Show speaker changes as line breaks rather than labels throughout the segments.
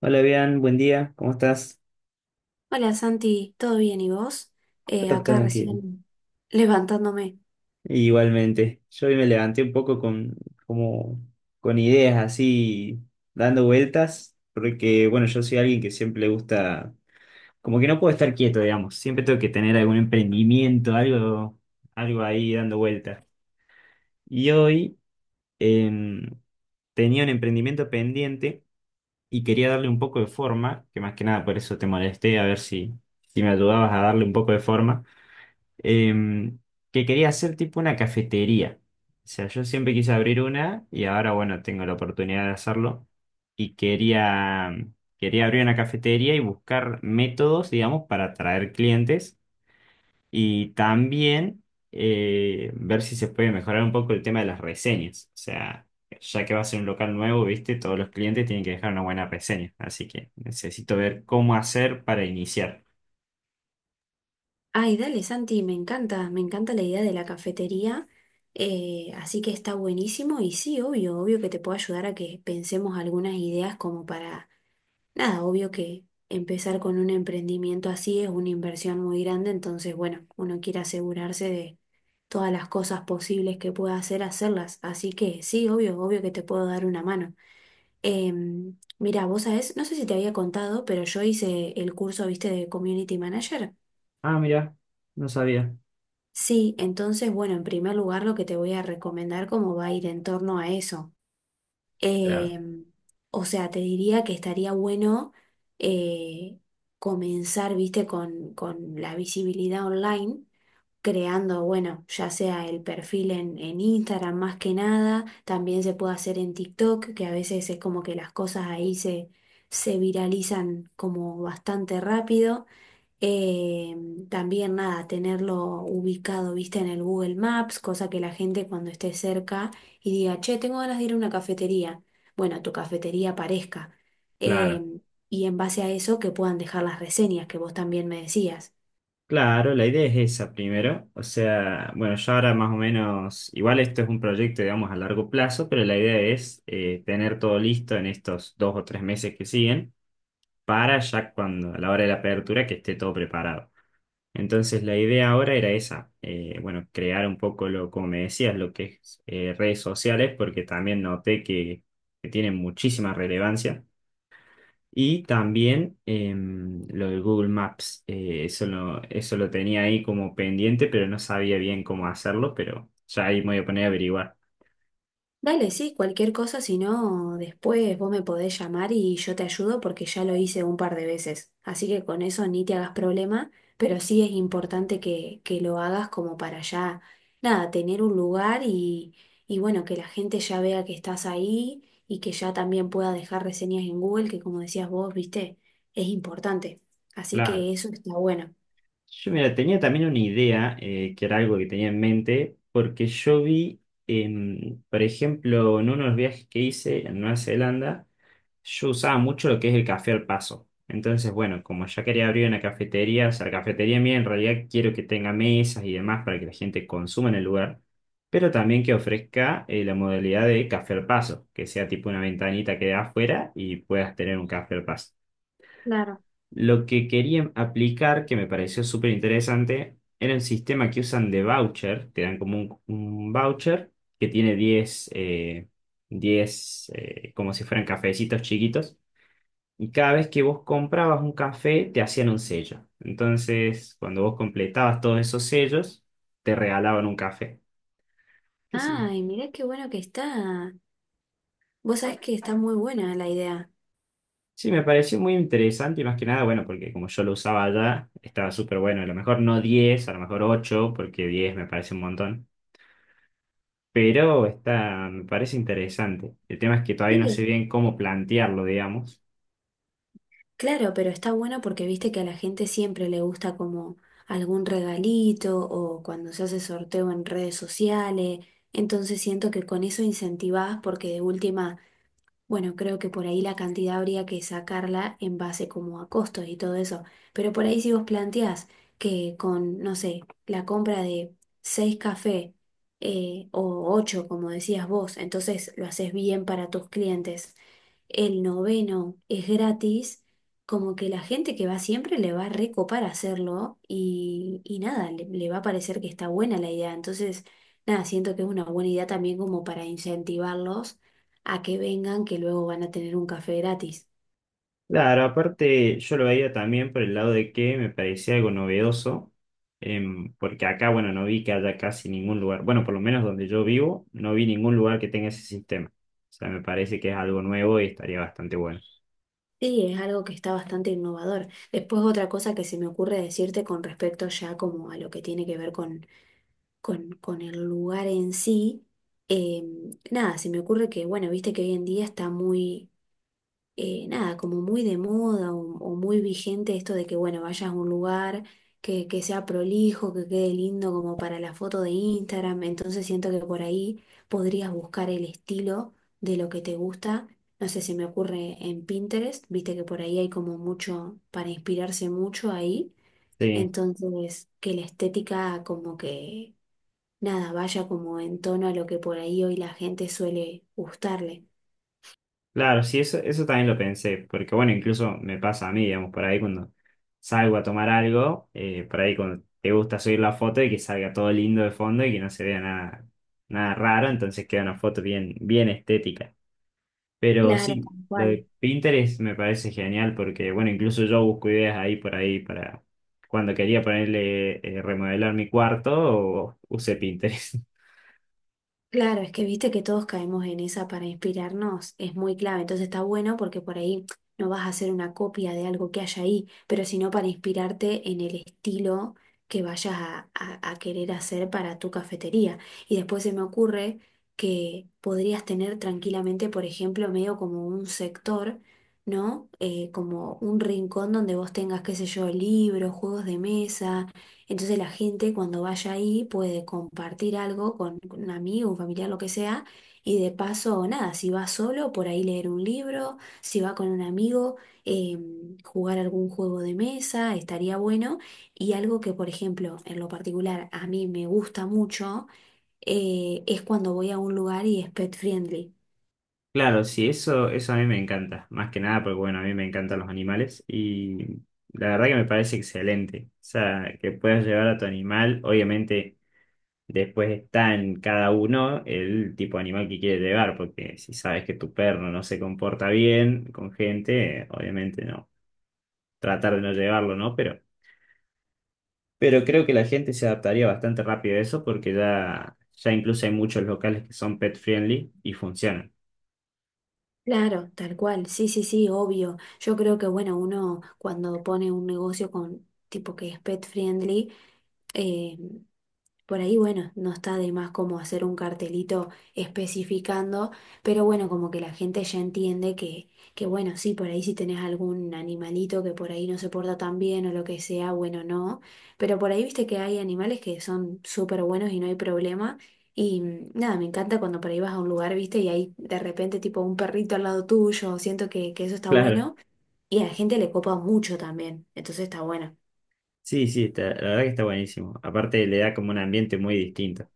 Hola, bien, buen día, ¿cómo estás?
Hola Santi, ¿todo bien y vos?
Todo
Acá
tranquilo.
recién levantándome.
Igualmente, yo hoy me levanté un poco con, como, con ideas así, dando vueltas, porque bueno, yo soy alguien que siempre le gusta, como que no puedo estar quieto, digamos, siempre tengo que tener algún emprendimiento, algo, algo ahí dando vueltas. Y hoy em, tenía un emprendimiento pendiente y quería darle un poco de forma, que más que nada por eso te molesté, a ver si, si me ayudabas a darle un poco de forma. em, que quería hacer tipo una cafetería. O sea, yo siempre quise abrir una y ahora, bueno, tengo la oportunidad de hacerlo. Y quería, quería abrir una cafetería y buscar métodos, digamos, para atraer clientes y también ver si se puede mejorar un poco el tema de las reseñas. O sea, ya que va a ser un local nuevo, viste, todos los clientes tienen que dejar una buena reseña. Así que necesito ver cómo hacer para iniciar.
Ay, dale Santi, me encanta la idea de la cafetería, así que está buenísimo y sí, obvio, obvio que te puedo ayudar a que pensemos algunas ideas como para, nada, obvio que empezar con un emprendimiento así es una inversión muy grande, entonces bueno, uno quiere asegurarse de todas las cosas posibles que pueda hacer, hacerlas, así que sí, obvio, obvio que te puedo dar una mano. Mira, vos sabés, no sé si te había contado, pero yo hice el curso, viste, de Community Manager.
Ah, mira, no sabía.
Sí, entonces, bueno, en primer lugar lo que te voy a recomendar como va a ir en torno a eso.
Claro,
Em, o sea, te diría que estaría bueno eh, comenzar, viste, con la visibilidad online, creando, bueno, ya sea el perfil en Instagram más que nada, también se puede hacer en TikTok, que a veces es como que las cosas ahí se viralizan como bastante rápido. Eh, también nada, tenerlo ubicado, viste, en el Google Maps, cosa que la gente cuando esté cerca y diga, che, tengo ganas de ir a una cafetería. Bueno, tu cafetería aparezca.
claro.
Eh, y en base a eso que puedan dejar las reseñas que vos también me decías.
Claro, la idea es esa primero. O sea, bueno, yo ahora más o menos, igual esto es un proyecto, digamos, a largo plazo, pero la idea es tener todo listo en estos dos o tres meses que siguen para ya cuando, a la hora de la apertura, que esté todo preparado. Entonces, la idea ahora era esa, bueno, crear un poco lo, como me decías, lo que es redes sociales, porque también noté que tienen muchísima relevancia. Y también lo del Google Maps, eso lo tenía ahí como pendiente, pero no sabía bien cómo hacerlo, pero ya ahí me voy a poner a averiguar.
Dale, sí, cualquier cosa, si no, después vos me podés llamar y yo te ayudo porque ya lo hice un par de veces. Así que con eso ni te hagas problema, pero sí es importante que lo hagas como para ya, nada, tener un lugar y bueno, que la gente ya vea que estás ahí y que ya también pueda dejar reseñas en Google, que como decías vos, viste, es importante. Así
Claro.
que eso está bueno.
Yo, mira, tenía también una idea, que era algo que tenía en mente, porque yo vi, por ejemplo, en unos viajes que hice en Nueva Zelanda, yo usaba mucho lo que es el café al paso. Entonces, bueno, como ya quería abrir una cafetería, o sea, la cafetería mía en realidad quiero que tenga mesas y demás para que la gente consuma en el lugar, pero también que ofrezca la modalidad de café al paso, que sea tipo una ventanita que dé afuera y puedas tener un café al paso.
Claro.
Lo que querían aplicar, que me pareció súper interesante, era el sistema que usan de voucher. Te dan como un voucher que tiene 10 10, como si fueran cafecitos chiquitos. Y cada vez que vos comprabas un café, te hacían un sello. Entonces, cuando vos completabas todos esos sellos, te regalaban un café. Es un-
Ay, mirá qué bueno que está. Vos sabés que está muy buena la idea.
Sí, me pareció muy interesante y más que nada, bueno, porque como yo lo usaba allá, estaba súper bueno. A lo mejor no diez, a lo mejor ocho, porque 10 me parece un montón. Pero está, me parece interesante. El tema es que todavía no sé
Sí.
bien cómo plantearlo, digamos.
Claro, pero está bueno porque viste que a la gente siempre le gusta como algún regalito o cuando se hace sorteo en redes sociales. Entonces siento que con eso incentivás porque de última, bueno, creo que por ahí la cantidad habría que sacarla en base como a costos y todo eso. Pero por ahí si vos planteás que con, no sé, la compra de seis cafés o ocho, como decías vos, entonces lo haces bien para tus clientes, el noveno es gratis, como que la gente que va siempre le va a recopar hacerlo y nada, le va a parecer que está buena la idea. Entonces, nada, siento que es una buena idea también como para incentivarlos a que vengan, que luego van a tener un café gratis.
Claro, aparte yo lo veía también por el lado de que me parecía algo novedoso, porque acá, bueno, no vi que haya casi ningún lugar, bueno, por lo menos donde yo vivo, no vi ningún lugar que tenga ese sistema. O sea, me parece que es algo nuevo y estaría bastante bueno.
Sí, es algo que está bastante innovador. Después otra cosa que se me ocurre decirte con respecto ya como a lo que tiene que ver con el lugar en sí. Nada, se me ocurre que, bueno, viste que hoy en día está muy nada, como muy de moda o muy vigente esto de que, bueno, vayas a un lugar que sea prolijo, que quede lindo como para la foto de Instagram. Entonces siento que por ahí podrías buscar el estilo de lo que te gusta. No sé, se me ocurre en Pinterest, viste que por ahí hay como mucho para inspirarse mucho ahí.
Sí.
Entonces, que la estética como que, nada, vaya como en tono a lo que por ahí hoy la gente suele gustarle.
Claro, sí, eso también lo pensé, porque bueno, incluso me pasa a mí, digamos, por ahí cuando salgo a tomar algo, por ahí cuando te gusta subir la foto y que salga todo lindo de fondo y que no se vea nada, nada raro, entonces queda una foto bien, bien estética. Pero
Claro,
sí,
tal
lo
cual.
de Pinterest me parece genial porque bueno, incluso yo busco ideas ahí por ahí para cuando quería ponerle, remodelar mi cuarto, o usé Pinterest.
Claro, es que viste que todos caemos en esa para inspirarnos, es muy clave, entonces está bueno porque por ahí no vas a hacer una copia de algo que haya ahí, pero sino para inspirarte en el estilo que vayas a querer hacer para tu cafetería. Y después se me ocurre que podrías tener tranquilamente, por ejemplo, medio como un sector, ¿no? Como un rincón donde vos tengas, qué sé yo, libros, juegos de mesa, entonces la gente cuando vaya ahí puede compartir algo con un amigo, un familiar, lo que sea, y de paso, nada, si va solo, por ahí leer un libro, si va con un amigo, eh, jugar algún juego de mesa, estaría bueno. Y algo que, por ejemplo, en lo particular a mí me gusta mucho, es cuando voy a un lugar y es pet friendly.
Claro, sí, eso a mí me encanta, más que nada porque, bueno, a mí me encantan los animales y la verdad que me parece excelente. O sea, que puedas llevar a tu animal, obviamente después está en cada uno el tipo de animal que quiere llevar, porque si sabes que tu perro no se comporta bien con gente, obviamente no, tratar de no llevarlo, ¿no? Pero creo que la gente se adaptaría bastante rápido a eso porque ya, ya incluso hay muchos locales que son pet friendly y funcionan.
Claro, tal cual, sí, sí, sí, obvio. Yo creo que, bueno, uno cuando pone un negocio con tipo que es pet friendly, eh, por ahí, bueno, no está de más como hacer un cartelito especificando, pero bueno, como que la gente ya entiende que bueno, sí, por ahí si tenés algún animalito que por ahí no se porta tan bien o lo que sea, bueno, no, pero por ahí viste que hay animales que son súper buenos y no hay problema, y nada, me encanta cuando por ahí vas a un lugar, viste, y hay de repente tipo un perrito al lado tuyo, siento que eso está
Claro.
bueno, y a la gente le copa mucho también, entonces está bueno.
Sí, sí, está- la verdad que está buenísimo. Aparte le da como un ambiente muy distinto.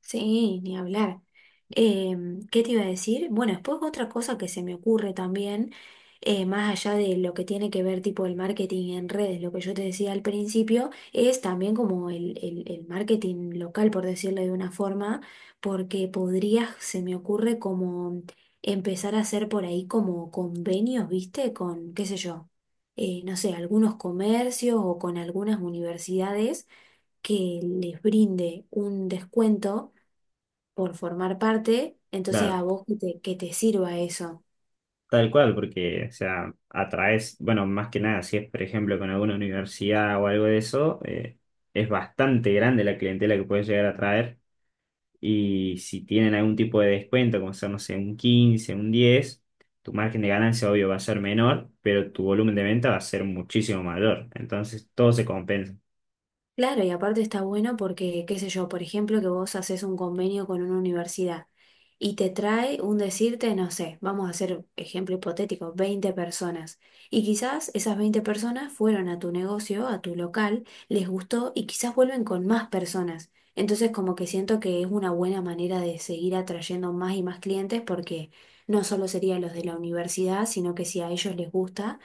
Sí, ni hablar. ¿Qué te iba a decir? Bueno, después otra cosa que se me ocurre también, más allá de lo que tiene que ver tipo el marketing en redes, lo que yo te decía al principio, es también como el marketing local, por decirlo de una forma, porque podrías, se me ocurre como empezar a hacer por ahí como convenios, ¿viste? Con, qué sé yo, no sé, algunos comercios o con algunas universidades que les brinde un descuento por formar parte, entonces
Claro,
a vos que te sirva eso.
tal cual, porque, o sea, atraes, bueno, más que nada, si es, por ejemplo, con alguna universidad o algo de eso, es bastante grande la clientela que puedes llegar a traer. Y si tienen algún tipo de descuento, como ser, no sé, un 15, un 10, tu margen de ganancia, obvio, va a ser menor, pero tu volumen de venta va a ser muchísimo mayor. Entonces, todo se compensa.
Claro, y aparte está bueno porque, qué sé yo, por ejemplo, que vos haces un convenio con una universidad y te trae un decirte, no sé, vamos a hacer ejemplo hipotético, 20 personas. Y quizás esas 20 personas fueron a tu negocio, a tu local, les gustó y quizás vuelven con más personas. Entonces como que siento que es una buena manera de seguir atrayendo más y más clientes porque no solo serían los de la universidad, sino que si a ellos les gusta,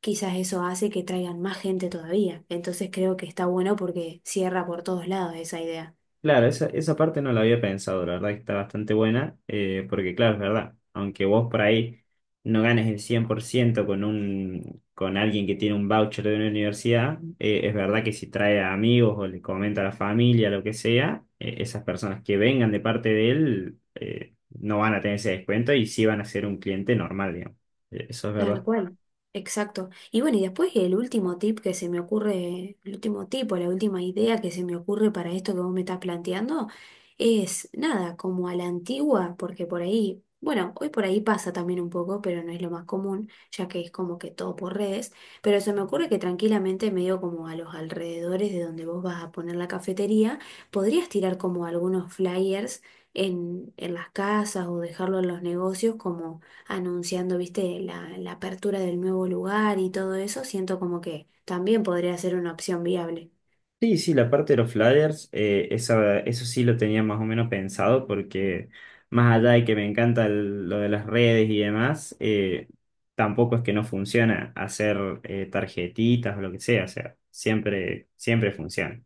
quizás eso hace que traigan más gente todavía. Entonces creo que está bueno porque cierra por todos lados esa idea.
Claro, esa parte no la había pensado, la verdad que está bastante buena, porque claro, es verdad, aunque vos por ahí no ganes el 100% con un, con alguien que tiene un voucher de una universidad, es verdad que si trae a amigos o le comenta a la familia, lo que sea, esas personas que vengan de parte de él, no van a tener ese descuento y sí van a ser un cliente normal, digamos. Eso es
Tal
verdad.
cual, exacto. Y bueno, y después el último tip que se me ocurre, el último tip o la última idea que se me ocurre para esto que vos me estás planteando es nada, como a la antigua, porque por ahí, bueno, hoy por ahí pasa también un poco, pero no es lo más común, ya que es como que todo por redes, pero se me ocurre que tranquilamente medio como a los alrededores de donde vos vas a poner la cafetería, podrías tirar como algunos flyers en las casas o dejarlo en los negocios como anunciando, viste, la apertura del nuevo lugar y todo eso, siento como que también podría ser una opción viable.
Sí, sí, la parte de los flyers, esa- eso sí lo tenía más o menos pensado porque más allá de que me encanta el- lo de las redes y demás, tampoco es que no funciona hacer tarjetitas o lo que sea, o sea, siempre funciona.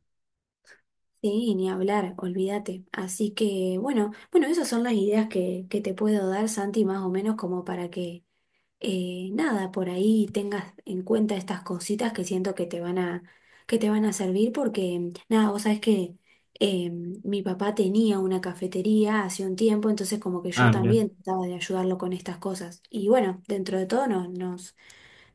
Sí, ni hablar, olvídate. Así que, bueno, bueno, esas son las ideas que te puedo dar, Santi, más o menos como para que nada, por ahí tengas en cuenta estas cositas que siento que te van a, que te van a servir porque, nada, vos sabés que eh, mi papá tenía una cafetería hace un tiempo, entonces como que yo
Ah, mira.
también trataba de ayudarlo con estas cosas. Y bueno, dentro de todo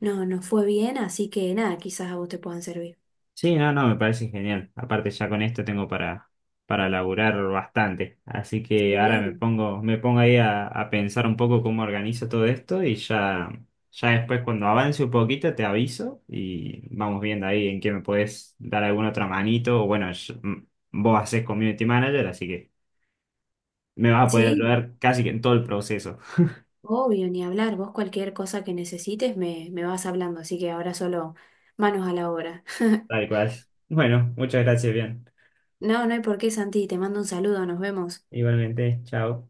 no, nos fue bien, así que nada, quizás a vos te puedan servir.
Sí, no, no, me parece genial. Aparte ya con esto tengo para laburar bastante. Así que ahora me
Sí,
pongo, me pongo ahí a pensar un poco cómo organizo todo esto y ya, ya después cuando avance un poquito te aviso y vamos viendo ahí en qué me puedes dar alguna otra manito. O bueno, yo- m- vos haces community manager, así que me vas a poder
sí,
ayudar casi que en todo el proceso.
obvio, ni hablar. Vos cualquier cosa que necesites me vas hablando, así que ahora solo manos a la obra.
Tal cual. Bueno, muchas gracias, bien.
No, no hay por qué, Santi. Te mando un saludo. Nos vemos.
Igualmente, chao.